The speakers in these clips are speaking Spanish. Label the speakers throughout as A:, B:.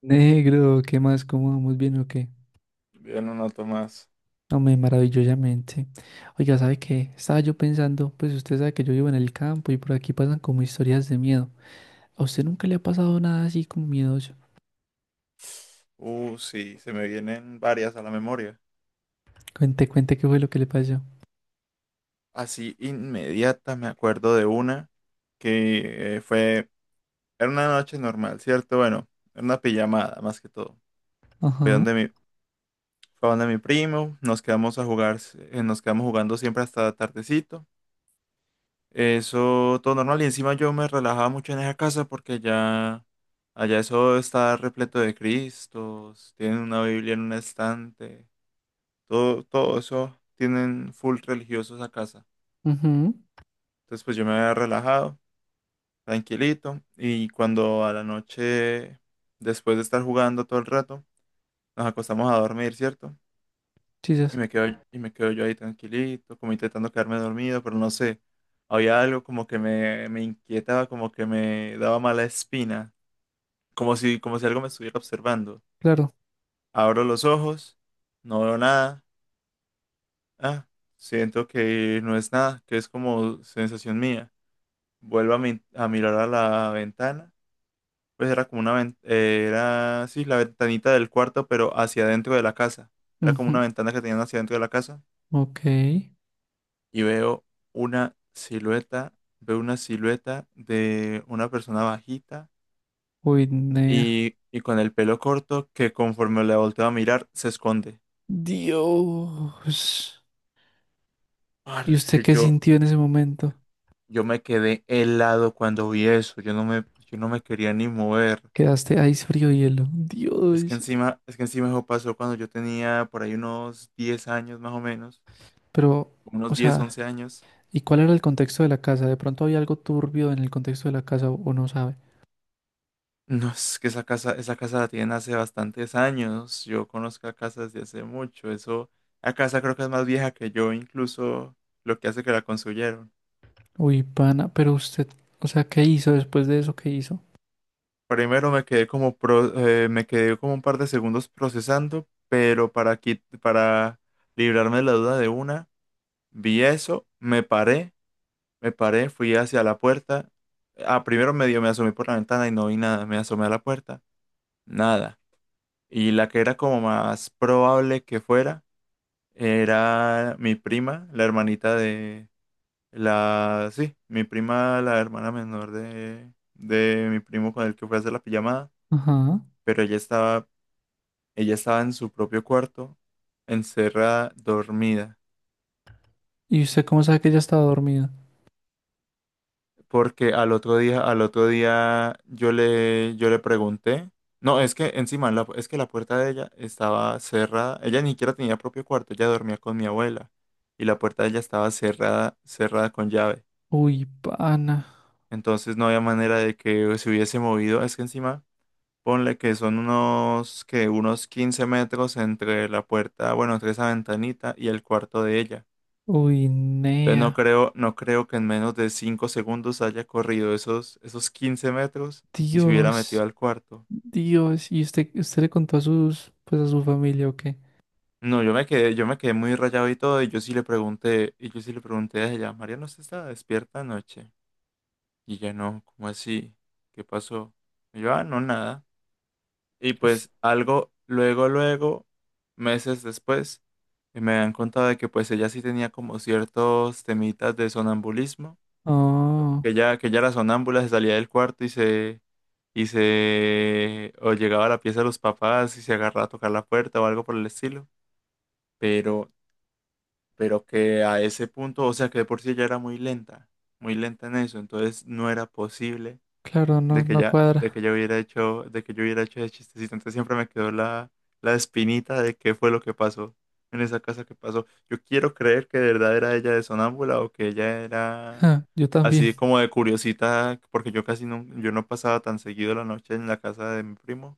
A: Negro, ¿qué más? ¿Cómo vamos bien o qué?
B: Bien, una nota más.
A: Hombre, maravillosamente. Oiga, ¿sabe qué? Estaba yo pensando, pues usted sabe que yo vivo en el campo y por aquí pasan como historias de miedo. ¿A usted nunca le ha pasado nada así como miedoso?
B: Sí, se me vienen varias a la memoria.
A: Cuente, cuente qué fue lo que le pasó.
B: Así inmediata me acuerdo de una que era una noche normal, ¿cierto? Bueno, era una pijamada más que todo. Fue
A: Ajá.
B: donde mi, fue donde mi primo, nos quedamos a jugar, nos quedamos jugando siempre hasta tardecito. Eso todo normal y encima yo me relajaba mucho en esa casa porque allá eso está repleto de Cristos, tienen una Biblia en un estante. Todo eso tienen full religiosos a casa.
A: Mhm.
B: Entonces, pues yo me había relajado, tranquilito, y cuando a la noche, después de estar jugando todo el rato, nos acostamos a dormir, ¿cierto? Y
A: Chicas.
B: me quedo, y me quedo yo ahí tranquilito, como intentando quedarme dormido, pero no sé, había algo como que me inquietaba, como que me daba mala espina, como si algo me estuviera observando.
A: Claro.
B: Abro los ojos, no veo nada, ah, siento que no es nada, que es como sensación mía. Vuelvo a mirar a la ventana. Pues era como sí, la ventanita del cuarto, pero hacia adentro de la casa. Era como una
A: Mhm.
B: ventana que tenían hacia adentro de la casa.
A: Ok.
B: Y una silueta, veo una silueta de una persona bajita
A: Uy, nea.
B: y con el pelo corto que conforme le volteo a mirar, se esconde.
A: Dios. ¿Y
B: Parce,
A: usted qué
B: yo,
A: sintió en ese momento?
B: yo me quedé helado cuando vi eso. Yo no me quería ni mover.
A: Quedaste ahí frío hielo.
B: Es que
A: Dios.
B: encima, es que encima eso pasó cuando yo tenía por ahí unos 10 años más o menos,
A: Pero,
B: como
A: o
B: unos diez
A: sea.
B: once años.
A: ¿Y cuál era el contexto de la casa? ¿De pronto había algo turbio en el contexto de la casa o no sabe?
B: No, es que esa casa la tienen hace bastantes años. Yo conozco la casa desde hace mucho. Eso, la casa creo que es más vieja que yo, incluso lo que hace que la construyeron.
A: Uy, pana, pero usted, o sea, ¿qué hizo después de eso? ¿Qué hizo?
B: Primero me quedé como un par de segundos procesando, pero para librarme de la duda de una, vi eso, me paré. Me paré, fui hacia la puerta. Primero medio me asomé por la ventana y no vi nada. Me asomé a la puerta, nada. Y la que era como más probable que fuera era mi prima, la hermanita de la... Sí, mi prima, la hermana menor de mi primo con el que fue a hacer la pijamada.
A: Ajá.
B: Pero ella estaba en su propio cuarto, encerrada, dormida.
A: ¿Y usted cómo sabe que ella estaba dormida?
B: Porque al otro día yo le pregunté, no, es que encima, es que la puerta de ella estaba cerrada, ella ni siquiera tenía propio cuarto, ella dormía con mi abuela y la puerta de ella estaba cerrada, cerrada con llave,
A: Uy, pana.
B: entonces no había manera de que se hubiese movido, es que encima, ponle que son unos 15 metros entre la puerta, bueno, entre esa ventanita y el cuarto de ella.
A: Uy,
B: Entonces no
A: nea.
B: creo, no creo que en menos de 5 segundos haya corrido esos 15 metros y se hubiera metido
A: Dios.
B: al cuarto.
A: Dios. ¿Y usted le contó a sus, pues a su familia o qué?
B: No, yo me quedé muy rayado y todo, y yo sí le pregunté, y yo sí le pregunté a ella, María, ¿no se estaba despierta anoche? Y ella no, ¿cómo así? ¿Qué pasó? Y yo, ah, no, nada. Y
A: Pues-
B: pues algo, luego, meses después, me han contado de que pues ella sí tenía como ciertos temitas de sonambulismo,
A: Oh,
B: que ya era sonámbula, se salía del cuarto y o llegaba a la pieza de los papás y se agarraba a tocar la puerta o algo por el estilo. Pero, pero que a ese punto, o sea, que de por sí ya era muy lenta en eso, entonces no era posible
A: claro, no, no cuadra.
B: de que yo hubiera hecho ese chistecito. Entonces siempre me quedó la espinita de qué fue lo que pasó en esa casa que pasó. Yo quiero creer que de verdad era ella de sonámbula o que ella era
A: Ja, yo también.
B: así como de curiosita, porque yo no pasaba tan seguido la noche en la casa de mi primo.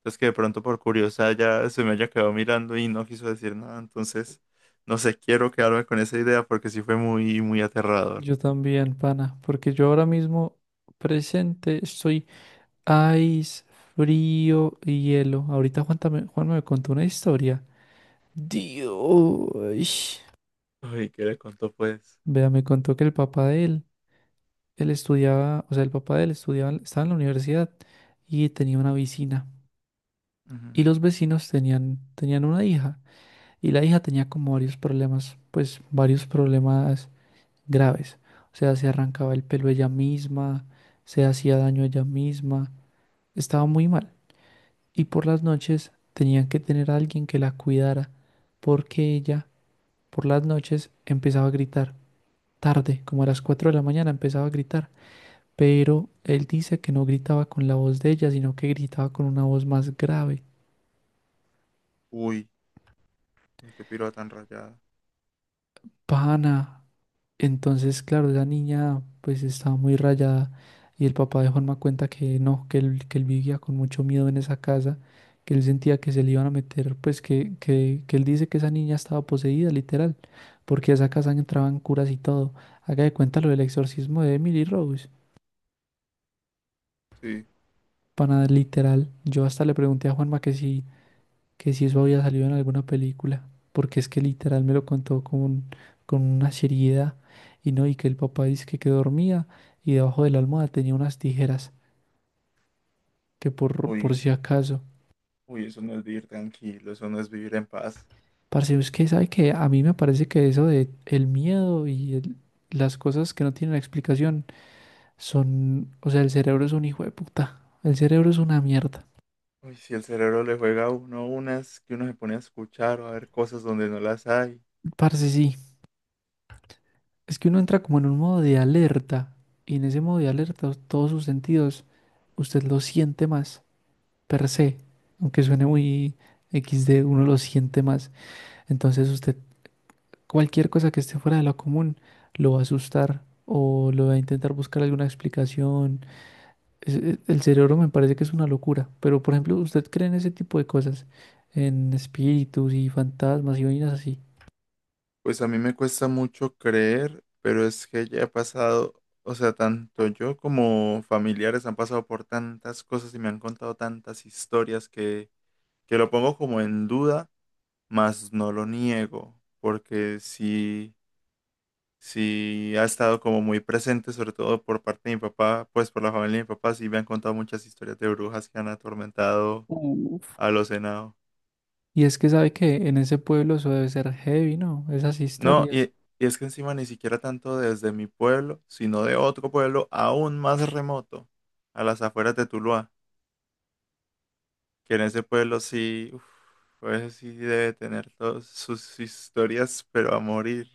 B: Entonces que de pronto por curiosa ya se me haya quedado mirando y no quiso decir nada. Entonces, no sé, quiero quedarme con esa idea porque sí fue muy, muy aterrador.
A: Yo también, pana. Porque yo ahora mismo presente estoy Ice, frío y hielo. Ahorita Juan me contó una historia. Dios.
B: Uy, ¿qué le contó pues?
A: Vea, me contó que el papá de él, él estudiaba, o sea, el papá de él estudiaba, estaba en la universidad y tenía una vecina. Y
B: Ujú.
A: los vecinos tenían una hija. Y la hija tenía como varios problemas, pues varios problemas graves. O sea, se arrancaba el pelo ella misma, se hacía daño ella misma. Estaba muy mal. Y por las noches tenían que tener a alguien que la cuidara, porque ella por las noches empezaba a gritar, tarde, como a las 4 de la mañana empezaba a gritar, pero él dice que no gritaba con la voz de ella, sino que gritaba con una voz más grave.
B: Uy, uy, qué piroa tan rayada.
A: Pana. Entonces, claro, la niña pues estaba muy rayada y el papá de Juanma cuenta que no, que él vivía con mucho miedo en esa casa, que él sentía que se le iban a meter, pues que él dice que esa niña estaba poseída, literal, porque a esa casa entraban curas y todo. Haga de cuenta lo del exorcismo de Emily Rose.
B: Sí,
A: Para nada, literal, yo hasta le pregunté a Juanma que si eso había salido en alguna película, porque es que literal me lo contó con una seriedad y no, y que el papá dice que dormía y debajo de la almohada tenía unas tijeras, que por
B: uy,
A: si acaso.
B: uy, eso no es vivir tranquilo, eso no es vivir en paz.
A: Parce, es que sabe que a mí me parece que eso de el miedo y las cosas que no tienen explicación son, o sea, el cerebro es un hijo de puta, el cerebro es una mierda.
B: Uy, si el cerebro le juega a uno unas que uno se pone a escuchar o a ver cosas donde no las hay.
A: Parce, sí, es que uno entra como en un modo de alerta y en ese modo de alerta todos sus sentidos usted lo siente más. Per se, aunque suene muy XD, uno lo siente más. Entonces usted, cualquier cosa que esté fuera de lo común, lo va a asustar o lo va a intentar buscar alguna explicación. El cerebro me parece que es una locura, pero por ejemplo, ¿usted cree en ese tipo de cosas? En espíritus y fantasmas y vainas así.
B: Pues a mí me cuesta mucho creer, pero es que ya he pasado, o sea, tanto yo como familiares han pasado por tantas cosas y me han contado tantas historias que, lo pongo como en duda, mas no lo niego, porque sí, sí ha estado como muy presente, sobre todo por parte de mi papá, pues por la familia de mi papá, sí me han contado muchas historias de brujas que han atormentado
A: Uf.
B: a los enanos.
A: Y es que sabe que en ese pueblo eso debe ser heavy, ¿no? Esas
B: No,
A: historias.
B: y es que encima ni siquiera tanto desde mi pueblo, sino de otro pueblo aún más remoto, a las afueras de Tuluá, que en ese pueblo sí, uf, pues sí debe tener todas sus historias, pero a morir.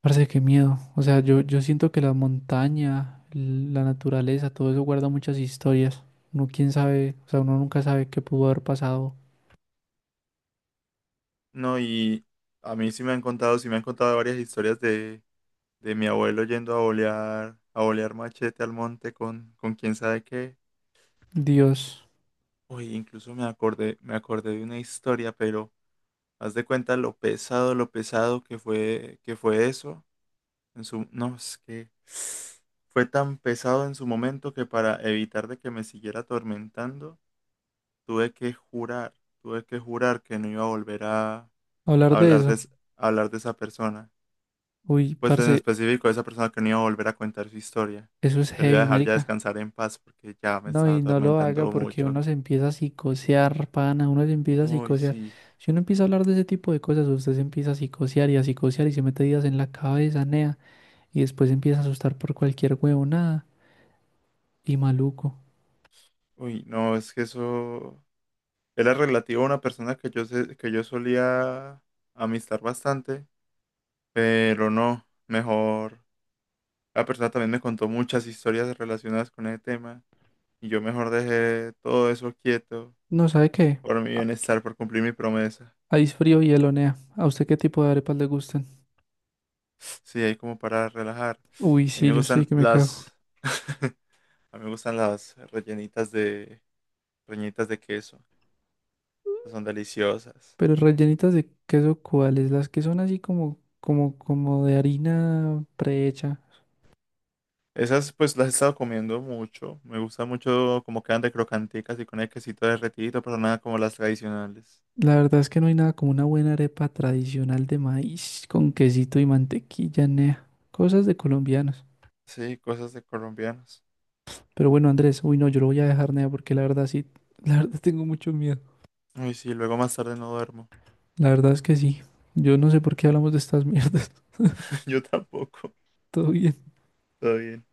A: Parece que miedo. O sea, yo siento que la montaña, la naturaleza, todo eso guarda muchas historias. Uno quién sabe, o sea, uno nunca sabe qué pudo haber pasado.
B: No, y a mí sí me han contado varias historias de mi abuelo yendo a bolear machete al monte con quién sabe qué.
A: Dios,
B: Uy, incluso me acordé de una historia, pero... Haz de cuenta lo pesado que fue eso. No, es que fue tan pesado en su momento que para evitar de que me siguiera atormentando, tuve que jurar, tuve que jurar que no iba a volver a
A: hablar de
B: hablar de,
A: eso.
B: es- a hablar de esa persona.
A: Uy,
B: Pues en
A: parce,
B: específico, esa persona que no iba a volver a contar su historia.
A: eso es
B: Que lo iba a
A: heavy,
B: dejar ya
A: marica.
B: descansar en paz porque ya me
A: No,
B: estaba
A: y no lo haga
B: atormentando
A: porque
B: mucho.
A: uno se empieza a psicosear, pana, uno se empieza a
B: Uy,
A: psicosear.
B: sí.
A: Si uno empieza a hablar de ese tipo de cosas, usted se empieza a psicosear y se mete días en la cabeza, nea, y después se empieza a asustar por cualquier huevonada y maluco.
B: Uy, no, es que eso. Era relativo a una persona que yo solía amistar bastante, pero no, mejor. La persona también me contó muchas historias relacionadas con ese tema y yo mejor dejé todo eso quieto
A: No, ¿sabe qué?
B: por mi bienestar, por cumplir mi promesa.
A: Ice frío y elonea. ¿A usted qué tipo de arepas le gustan?
B: Sí, ahí como para relajar.
A: Uy,
B: A mí
A: sí,
B: me
A: yo estoy
B: gustan
A: que me cago.
B: las... A mí me gustan las rellenitas de queso. Son deliciosas.
A: Pero rellenitas de queso, ¿cuáles? Las que son así como de harina prehecha.
B: Esas pues las he estado comiendo mucho. Me gusta mucho como quedan de crocanticas y con el quesito derretido, pero nada como las tradicionales.
A: La verdad es que no hay nada como una buena arepa tradicional de maíz con quesito y mantequilla, nea. Cosas de colombianos.
B: Sí, cosas de colombianos.
A: Pero bueno, Andrés, uy, no, yo lo voy a dejar, nea, porque la verdad sí, la verdad tengo mucho miedo.
B: Uy, sí, luego más tarde no duermo.
A: La verdad es que sí. Yo no sé por qué hablamos de estas mierdas.
B: Yo tampoco.
A: Todo bien.
B: Todo bien.